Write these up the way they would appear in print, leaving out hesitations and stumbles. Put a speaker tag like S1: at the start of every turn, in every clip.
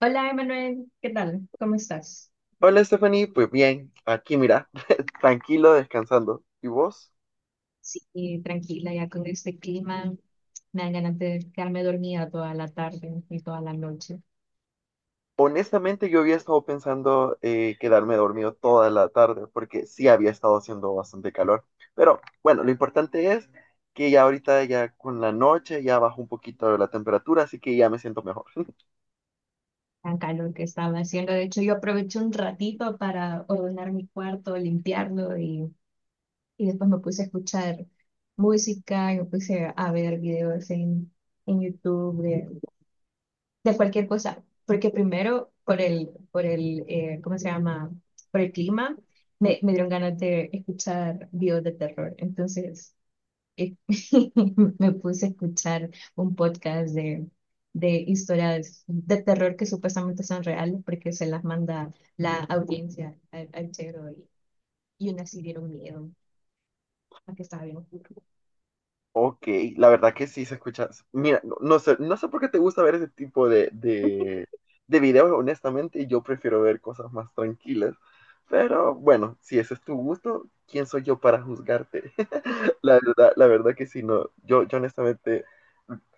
S1: Hola, Emanuel, ¿qué tal? ¿Cómo estás?
S2: Hola Stephanie, pues bien, aquí mira, tranquilo, descansando. ¿Y vos?
S1: Sí, tranquila, ya con este clima me dan ganas de quedarme dormida toda la tarde y toda la noche.
S2: Honestamente yo había estado pensando quedarme dormido toda la tarde porque sí había estado haciendo bastante calor. Pero bueno, lo importante es que ya ahorita ya con la noche ya bajó un poquito la temperatura, así que ya me siento mejor.
S1: Tan calor que estaba haciendo. De hecho, yo aproveché un ratito para ordenar mi cuarto, limpiarlo y después me puse a escuchar música, y me puse a ver videos en YouTube de cualquier cosa, porque primero por el, ¿cómo se llama? Por el clima, me dieron ganas de escuchar videos de terror. Entonces, eh, me puse a escuchar un podcast de historias de terror que supuestamente son reales, porque se las manda la audiencia al chero y unas sí dieron miedo, a que estaba bien oscuro.
S2: Ok, la verdad que sí se escucha. Mira, no, no sé por qué te gusta ver ese tipo de videos, honestamente, yo prefiero ver cosas más tranquilas. Pero bueno, si ese es tu gusto, ¿quién soy yo para juzgarte? La verdad que sí, no. Yo honestamente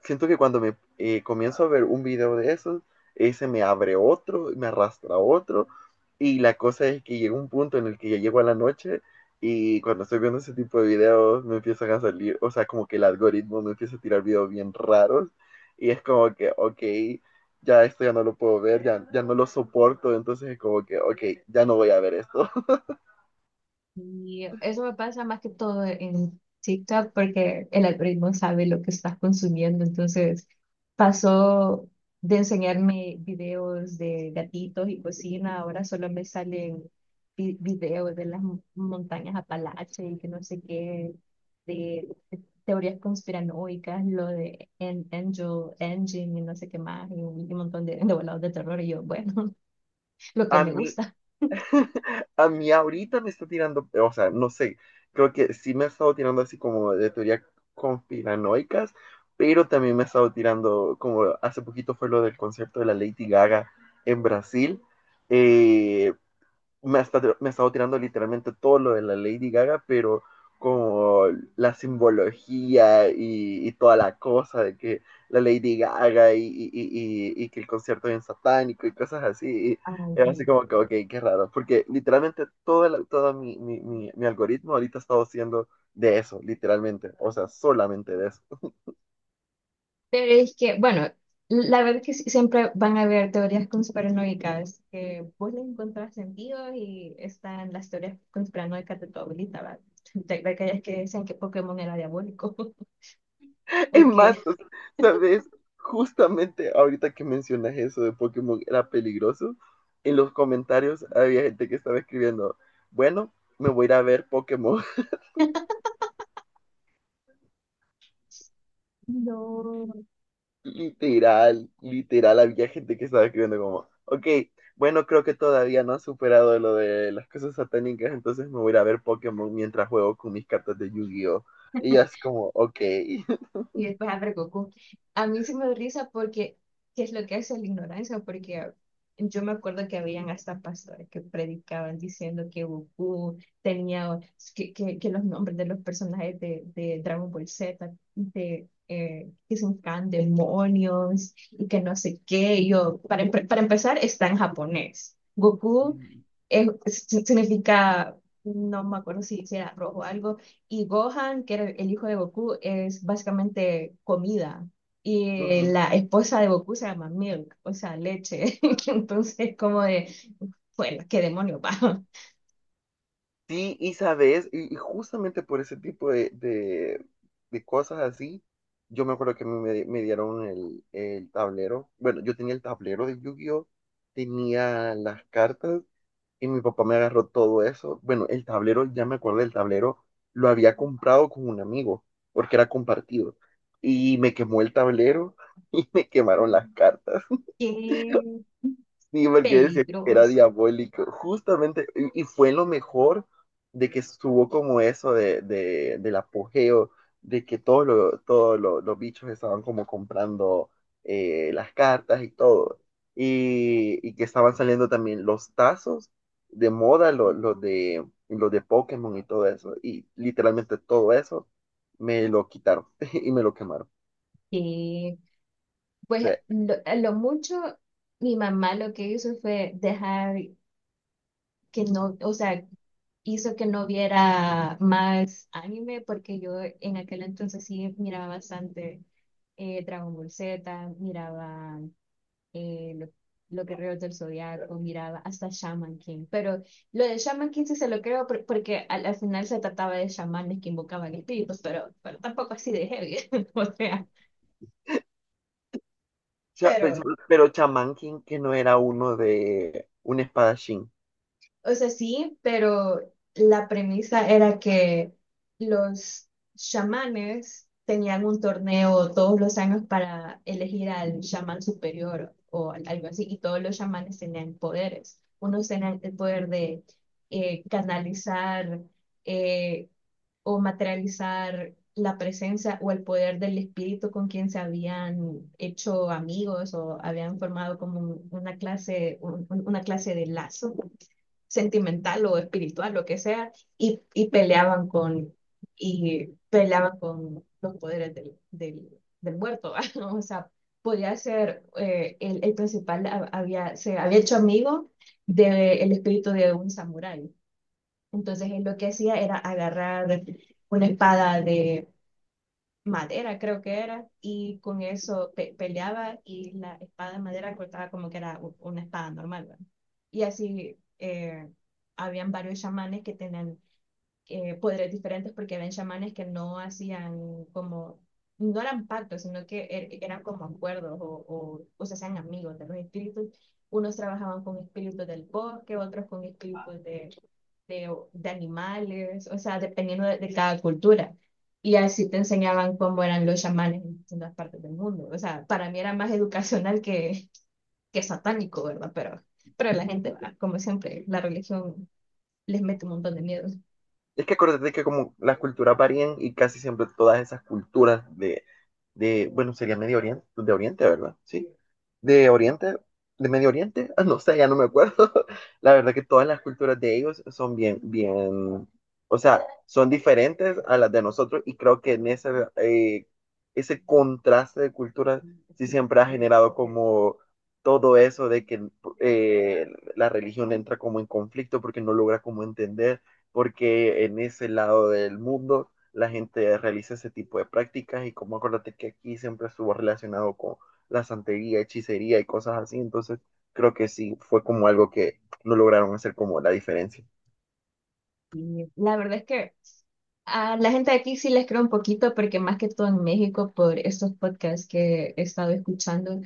S2: siento que cuando me comienzo a ver un video de esos, ese me abre otro, me arrastra a otro. Y la cosa es que llega un punto en el que ya llego a la noche y cuando estoy viendo ese tipo de videos me empiezan a salir, o sea, como que el algoritmo me empieza a tirar videos bien raros y es como que, ok, ya esto ya no lo puedo ver, ya, ya no lo soporto, entonces es como que, ok, ya no voy a ver esto.
S1: Y eso me pasa más que todo en TikTok porque el algoritmo sabe lo que estás consumiendo. Entonces pasó de enseñarme videos de gatitos y cocina, ahora solo me salen videos de las montañas Apalache y que no sé qué, de teorías conspiranoicas, lo de Angel Engine y no sé qué más, y un montón de volados de terror. Y yo, bueno, lo que
S2: A
S1: me
S2: mí,
S1: gusta.
S2: a mí ahorita me está tirando, o sea, no sé, creo que sí me ha estado tirando así como de teorías conspiranoicas, pero también me ha estado tirando, como hace poquito fue lo del concierto de la Lady Gaga en Brasil, eh, me ha estado tirando literalmente todo lo de la Lady Gaga, pero como la simbología y toda la cosa de que la Lady Gaga y que el concierto es bien satánico y cosas así. Y
S1: Ay.
S2: es así como que, ok, qué raro, porque literalmente todo, todo mi algoritmo ahorita ha estado siendo de eso, literalmente, o sea, solamente de eso.
S1: Pero es que, bueno, la verdad es que sí, siempre van a haber teorías conspiranoicas que vos le encontrás sentido y están las teorías conspiranoicas de tu abuelita, ¿verdad? De aquellas que decían que Pokémon era diabólico o
S2: En más,
S1: que
S2: o sea, ¿sabes? Justamente ahorita que mencionas eso de Pokémon era peligroso, en los comentarios había gente que estaba escribiendo, bueno, me voy a ir a ver Pokémon.
S1: no.
S2: Literal, literal, había gente que estaba escribiendo como, ok, bueno, creo que todavía no ha superado lo de las cosas satánicas, entonces me voy a ir a ver Pokémon mientras juego con mis cartas de Yu-Gi-Oh! Y yo así como, ok.
S1: Y después abre Goku. A mí se me da risa porque, ¿qué es lo que hace la ignorancia? Porque yo me acuerdo que habían hasta pastores que predicaban diciendo que Goku tenía, que los nombres de los personajes de Dragon Ball Z, que se llaman demonios y que no sé qué. Y yo, para empezar, está en japonés. Goku es- significa, no me acuerdo si era rojo o algo, y Gohan, que era el hijo de Goku, es básicamente comida. Y
S2: Ujú.
S1: la esposa de Goku se llama Milk, o sea, leche. Entonces, como de, bueno, qué demonio, va.
S2: Sí, y sabes, y justamente por ese tipo de cosas así, yo me acuerdo que a mí me, me dieron el tablero. Bueno, yo tenía el tablero de Yu-Gi-Oh, tenía las cartas y mi papá me agarró todo eso. Bueno, el tablero, ya me acuerdo del tablero, lo había comprado con un amigo porque era compartido. Y me quemó el tablero y me quemaron las cartas.
S1: Qué
S2: Sí, porque decía que era
S1: peligroso.
S2: diabólico. Justamente, y fue lo mejor de que estuvo como eso de, del apogeo, de que los bichos estaban como comprando las cartas y todo. Y que estaban saliendo también los tazos de moda, los de Pokémon y todo eso. Y literalmente todo eso me lo quitaron y me lo quemaron.
S1: Y
S2: O
S1: pues,
S2: sea,
S1: lo, a lo mucho, mi mamá lo que hizo fue dejar que no, o sea, hizo que no viera más anime, porque yo en aquel entonces sí miraba bastante Dragon Ball Z, miraba eh, lo- los Guerreros del Zodiaco, miraba hasta Shaman King. Pero lo de Shaman King sí se lo creo porque al final se trataba de chamanes que invocaban espíritus, pero tampoco así de heavy. O sea,
S2: cha- pero,
S1: pero.
S2: pero Shaman King, que no era uno de un espadachín.
S1: O sea, sí, pero la premisa era que los chamanes tenían un torneo todos los años para elegir al chamán superior o algo así, y todos los chamanes tenían poderes. Unos tenían el poder de canalizar eh, o materializar la presencia o el poder del espíritu con quien se habían hecho amigos o habían formado como una clase, una clase de lazo sentimental o espiritual, lo que sea, y, y peleaban con, y peleaban con los poderes del muerto, ¿va? O sea, podía ser, el principal se había hecho amigo del espíritu de un samurái. Entonces, él lo que hacía era agarrar una espada de madera, creo que era, y con eso peleaba y la espada de madera cortaba como que era una espada normal, ¿verdad? Y así habían varios chamanes que tenían poderes diferentes porque habían chamanes que no hacían como, no eran pactos, sino que eran como acuerdos o se hacían amigos de los espíritus. Unos trabajaban con espíritus del bosque, otros con espíritus de animales, o sea, dependiendo de cada cultura. Y así te enseñaban cómo eran los chamanes en distintas partes del mundo. O sea, para mí era más educacional que satánico, ¿verdad? Pero la gente, va, como siempre, la religión les mete un montón de miedos.
S2: Es que acuérdate que como las culturas varían y casi siempre todas esas culturas de bueno, sería Medio Oriente, de Oriente, ¿verdad? Sí. De Oriente, de Medio Oriente, no sé, ya no me acuerdo. La verdad que todas las culturas de ellos son bien, bien, o sea, son diferentes a las de nosotros y creo que en ese, eh, ese contraste de culturas sí siempre ha generado como todo eso de que eh, la religión entra como en conflicto porque no logra como entender porque en ese lado del mundo la gente realiza ese tipo de prácticas y como acuérdate que aquí siempre estuvo relacionado con la santería, hechicería y cosas así, entonces creo que sí fue como algo que no lograron hacer como la diferencia.
S1: Y la verdad es que a la gente de aquí sí les creo un poquito porque más que todo en México, por estos podcasts que he estado escuchando,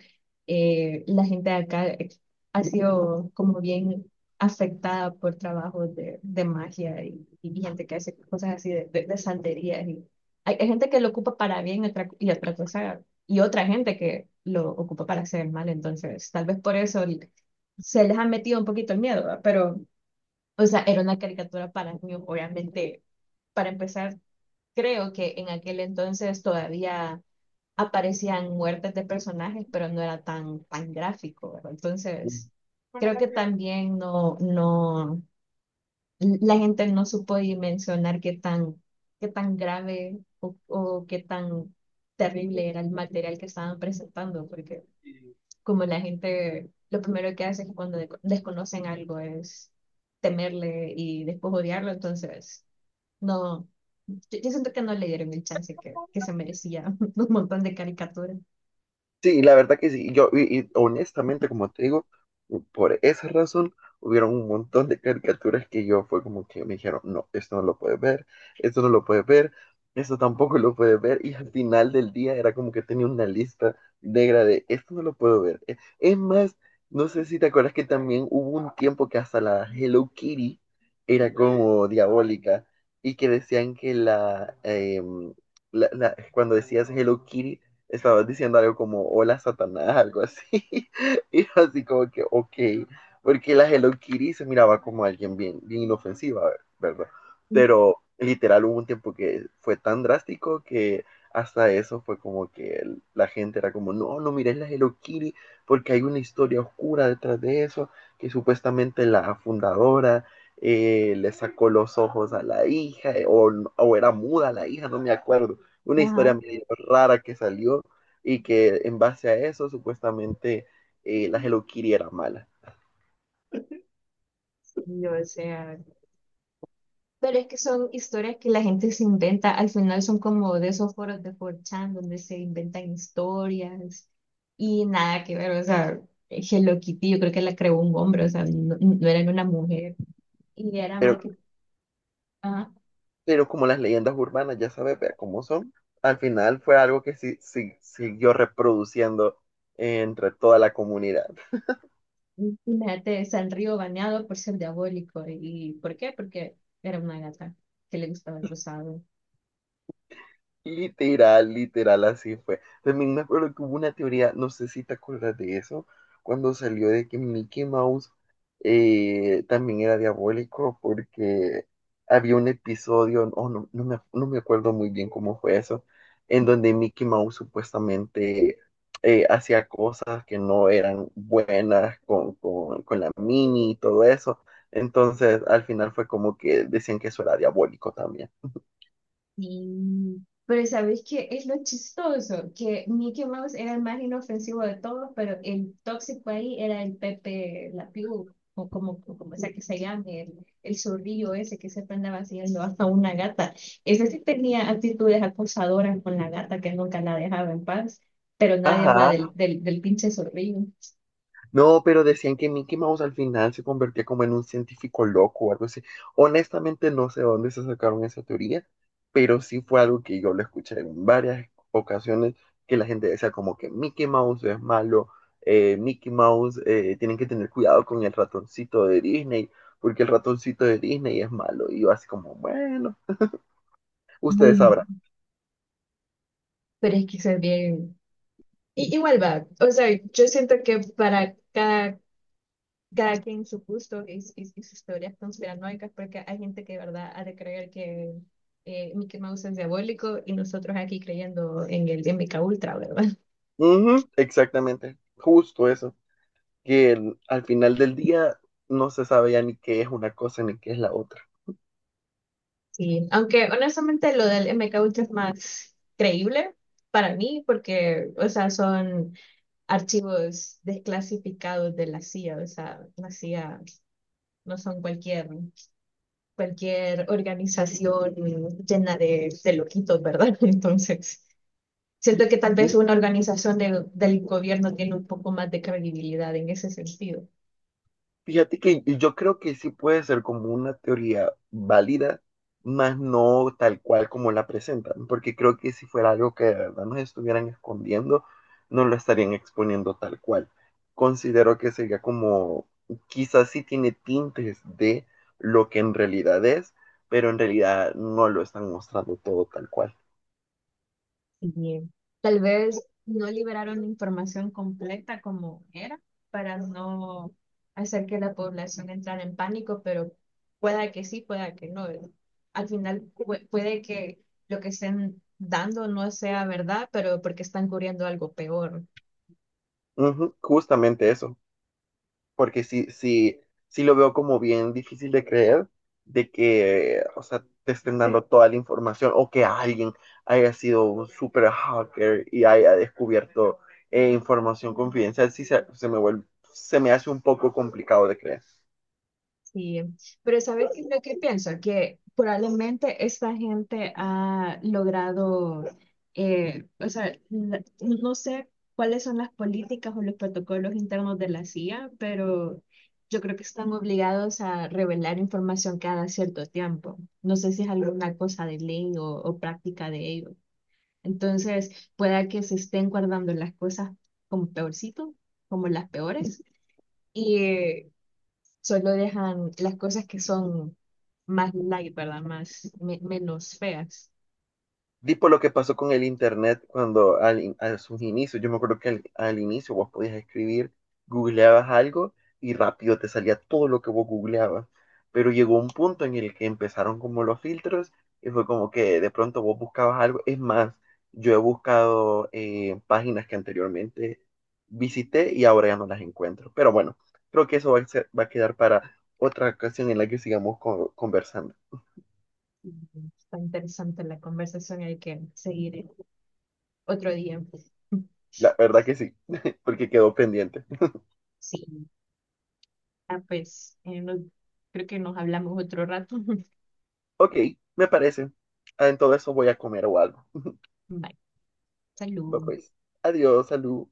S1: la gente de acá ha sido como bien afectada por trabajos de magia y gente que hace cosas así de santerías. Y hay gente que lo ocupa para bien y otra cosa, y otra gente que lo ocupa para hacer mal. Entonces, tal vez por eso se les ha metido un poquito el miedo, ¿va? Pero, o sea, era una caricatura para niños, obviamente. Para empezar, creo que en aquel entonces todavía aparecían muertes de personajes, pero no era tan, tan gráfico, ¿verdad?
S2: Mm.
S1: Entonces, creo que también no, no, la gente no supo dimensionar qué tan grave o qué tan terrible era el material que estaban presentando, porque como la gente, lo primero que hace es cuando desconocen algo es temerle y después odiarlo, entonces... No, yo, yo siento que no le dieron el chance que se merecía un montón de caricaturas.
S2: Sí, la verdad que sí. Yo, y honestamente, como te digo, por esa razón hubieron un montón de caricaturas que yo fue como que me dijeron, no, esto no lo puedes ver, esto no lo puedes ver, esto tampoco lo puedes ver. Y al final del día era como que tenía una lista negra de, esto no lo puedo ver. Es más, no sé si te acuerdas que también hubo un tiempo que hasta la Hello Kitty era como diabólica y que decían que la, cuando decías Hello Kitty, estabas diciendo algo como hola Satanás, algo así. Y yo así como que, ok, porque la Hello Kitty se miraba como alguien bien, bien inofensiva, ¿verdad? Pero literal hubo un tiempo que fue tan drástico que hasta eso fue como que la gente era como, no, no mires la Hello Kitty porque hay una historia oscura detrás de eso, que supuestamente la fundadora le sacó los ojos a la hija o era muda la hija, no me acuerdo una historia
S1: Ajá,
S2: medio rara que salió y que en base a eso supuestamente la Hello Kitty era mala.
S1: sí, o sea, pero es que son historias que la gente se inventa, al final son como de esos foros de 4chan donde se inventan historias y nada que ver, o sea, Hello Kitty yo creo que la creó un hombre, o sea, no, no era una mujer y era
S2: Pero,
S1: más que, ajá,
S2: pero como las leyendas urbanas ya sabes vea cómo son, al final fue algo que sí, sí, siguió reproduciendo entre toda la comunidad.
S1: imagínate, Sanrio baneado por ser diabólico, ¿y por qué? Porque era una gata que le gustaba el rosado.
S2: Literal, literal, así fue. También me acuerdo que hubo una teoría, no sé si te acuerdas de eso, cuando salió de que Mickey Mouse también era diabólico porque había un episodio, oh, no, no me acuerdo muy bien cómo fue eso, en donde Mickey Mouse supuestamente hacía cosas que no eran buenas con la Mini y todo eso. Entonces, al final fue como que decían que eso era diabólico también.
S1: Sí, pero ¿sabéis qué es lo chistoso? Que Mickey Mouse era el más inofensivo de todos, pero el tóxico ahí era el Pepe Lapiú, o como sea que se llame, el zorrillo ese que siempre andaba haciendo hasta una gata. Ese sí tenía actitudes acosadoras con la gata que nunca la dejaba en paz, pero nadie habla
S2: Ajá.
S1: del pinche zorrillo.
S2: No, pero decían que Mickey Mouse al final se convertía como en un científico loco o algo así. Honestamente no sé de dónde se sacaron esa teoría, pero sí fue algo que yo lo escuché en varias ocasiones que la gente decía como que Mickey Mouse es malo, Mickey Mouse, tienen que tener cuidado con el ratoncito de Disney, porque el ratoncito de Disney es malo. Y yo así como, bueno, ustedes
S1: Mundo.
S2: sabrán.
S1: Pero es que eso es bien. Igual va. O sea, yo siento que para cada cada quien su gusto y sus teorías conspiranoicas, porque hay gente que de verdad ha de creer que Mickey Mouse es diabólico y nosotros aquí creyendo en el MK Ultra, ¿verdad?
S2: Ujú, exactamente, justo eso, que al final del día no se sabe ya ni qué es una cosa ni qué es la otra.
S1: Sí, aunque honestamente lo del MK Ultra es más creíble para mí, porque, o sea, son archivos desclasificados de la CIA, o sea, la CIA no son cualquier, cualquier organización llena de loquitos, ¿verdad? Entonces. Siento que tal
S2: Mm.
S1: vez una organización del gobierno tiene un poco más de credibilidad en ese sentido.
S2: Fíjate que yo creo que sí puede ser como una teoría válida, más no tal cual como la presentan, porque creo que si fuera algo que de verdad nos estuvieran escondiendo, no lo estarían exponiendo tal cual. Considero que sería como, quizás sí tiene tintes de lo que en realidad es, pero en realidad no lo están mostrando todo tal cual.
S1: Y tal vez no liberaron la información completa como era para no hacer que la población entrara en pánico, pero pueda que sí, pueda que no, ¿verdad? Al final puede que lo que estén dando no sea verdad, pero porque están cubriendo algo peor.
S2: Ujú, justamente eso. Porque sí, sí, sí lo veo como bien difícil de creer de que, o sea, te estén dando toda la información o que alguien haya sido un super hacker y haya descubierto información confidencial, sí se me vuelve, se me hace un poco complicado de creer.
S1: Sí, pero ¿sabes qué es lo que pienso? Que probablemente esta gente ha logrado, o sea, no sé cuáles son las políticas o los protocolos internos de la CIA, pero yo creo que están obligados a revelar información cada cierto tiempo. No sé si es alguna cosa de ley o práctica de ellos. Entonces, pueda que se estén guardando las cosas como peorcito, como las peores. Solo dejan las cosas que son más light, ¿verdad? Más, menos feas.
S2: Tipo lo que pasó con el internet cuando al, a sus inicios, yo me acuerdo que al, al inicio vos podías escribir, googleabas algo y rápido te salía todo lo que vos googleabas. Pero llegó un punto en el que empezaron como los filtros y fue como que de pronto vos buscabas algo. Es más, yo he buscado páginas que anteriormente visité y ahora ya no las encuentro. Pero bueno, creo que eso va a quedar para otra ocasión en la que sigamos conversando.
S1: Y está interesante la conversación, hay que seguir otro día.
S2: La verdad que sí, porque quedó pendiente.
S1: Sí, ah, pues creo que nos hablamos otro rato.
S2: Ok, me parece. Ah, en todo eso voy a comer o algo.
S1: Bye,
S2: Bueno,
S1: salud.
S2: pues, adiós, salud.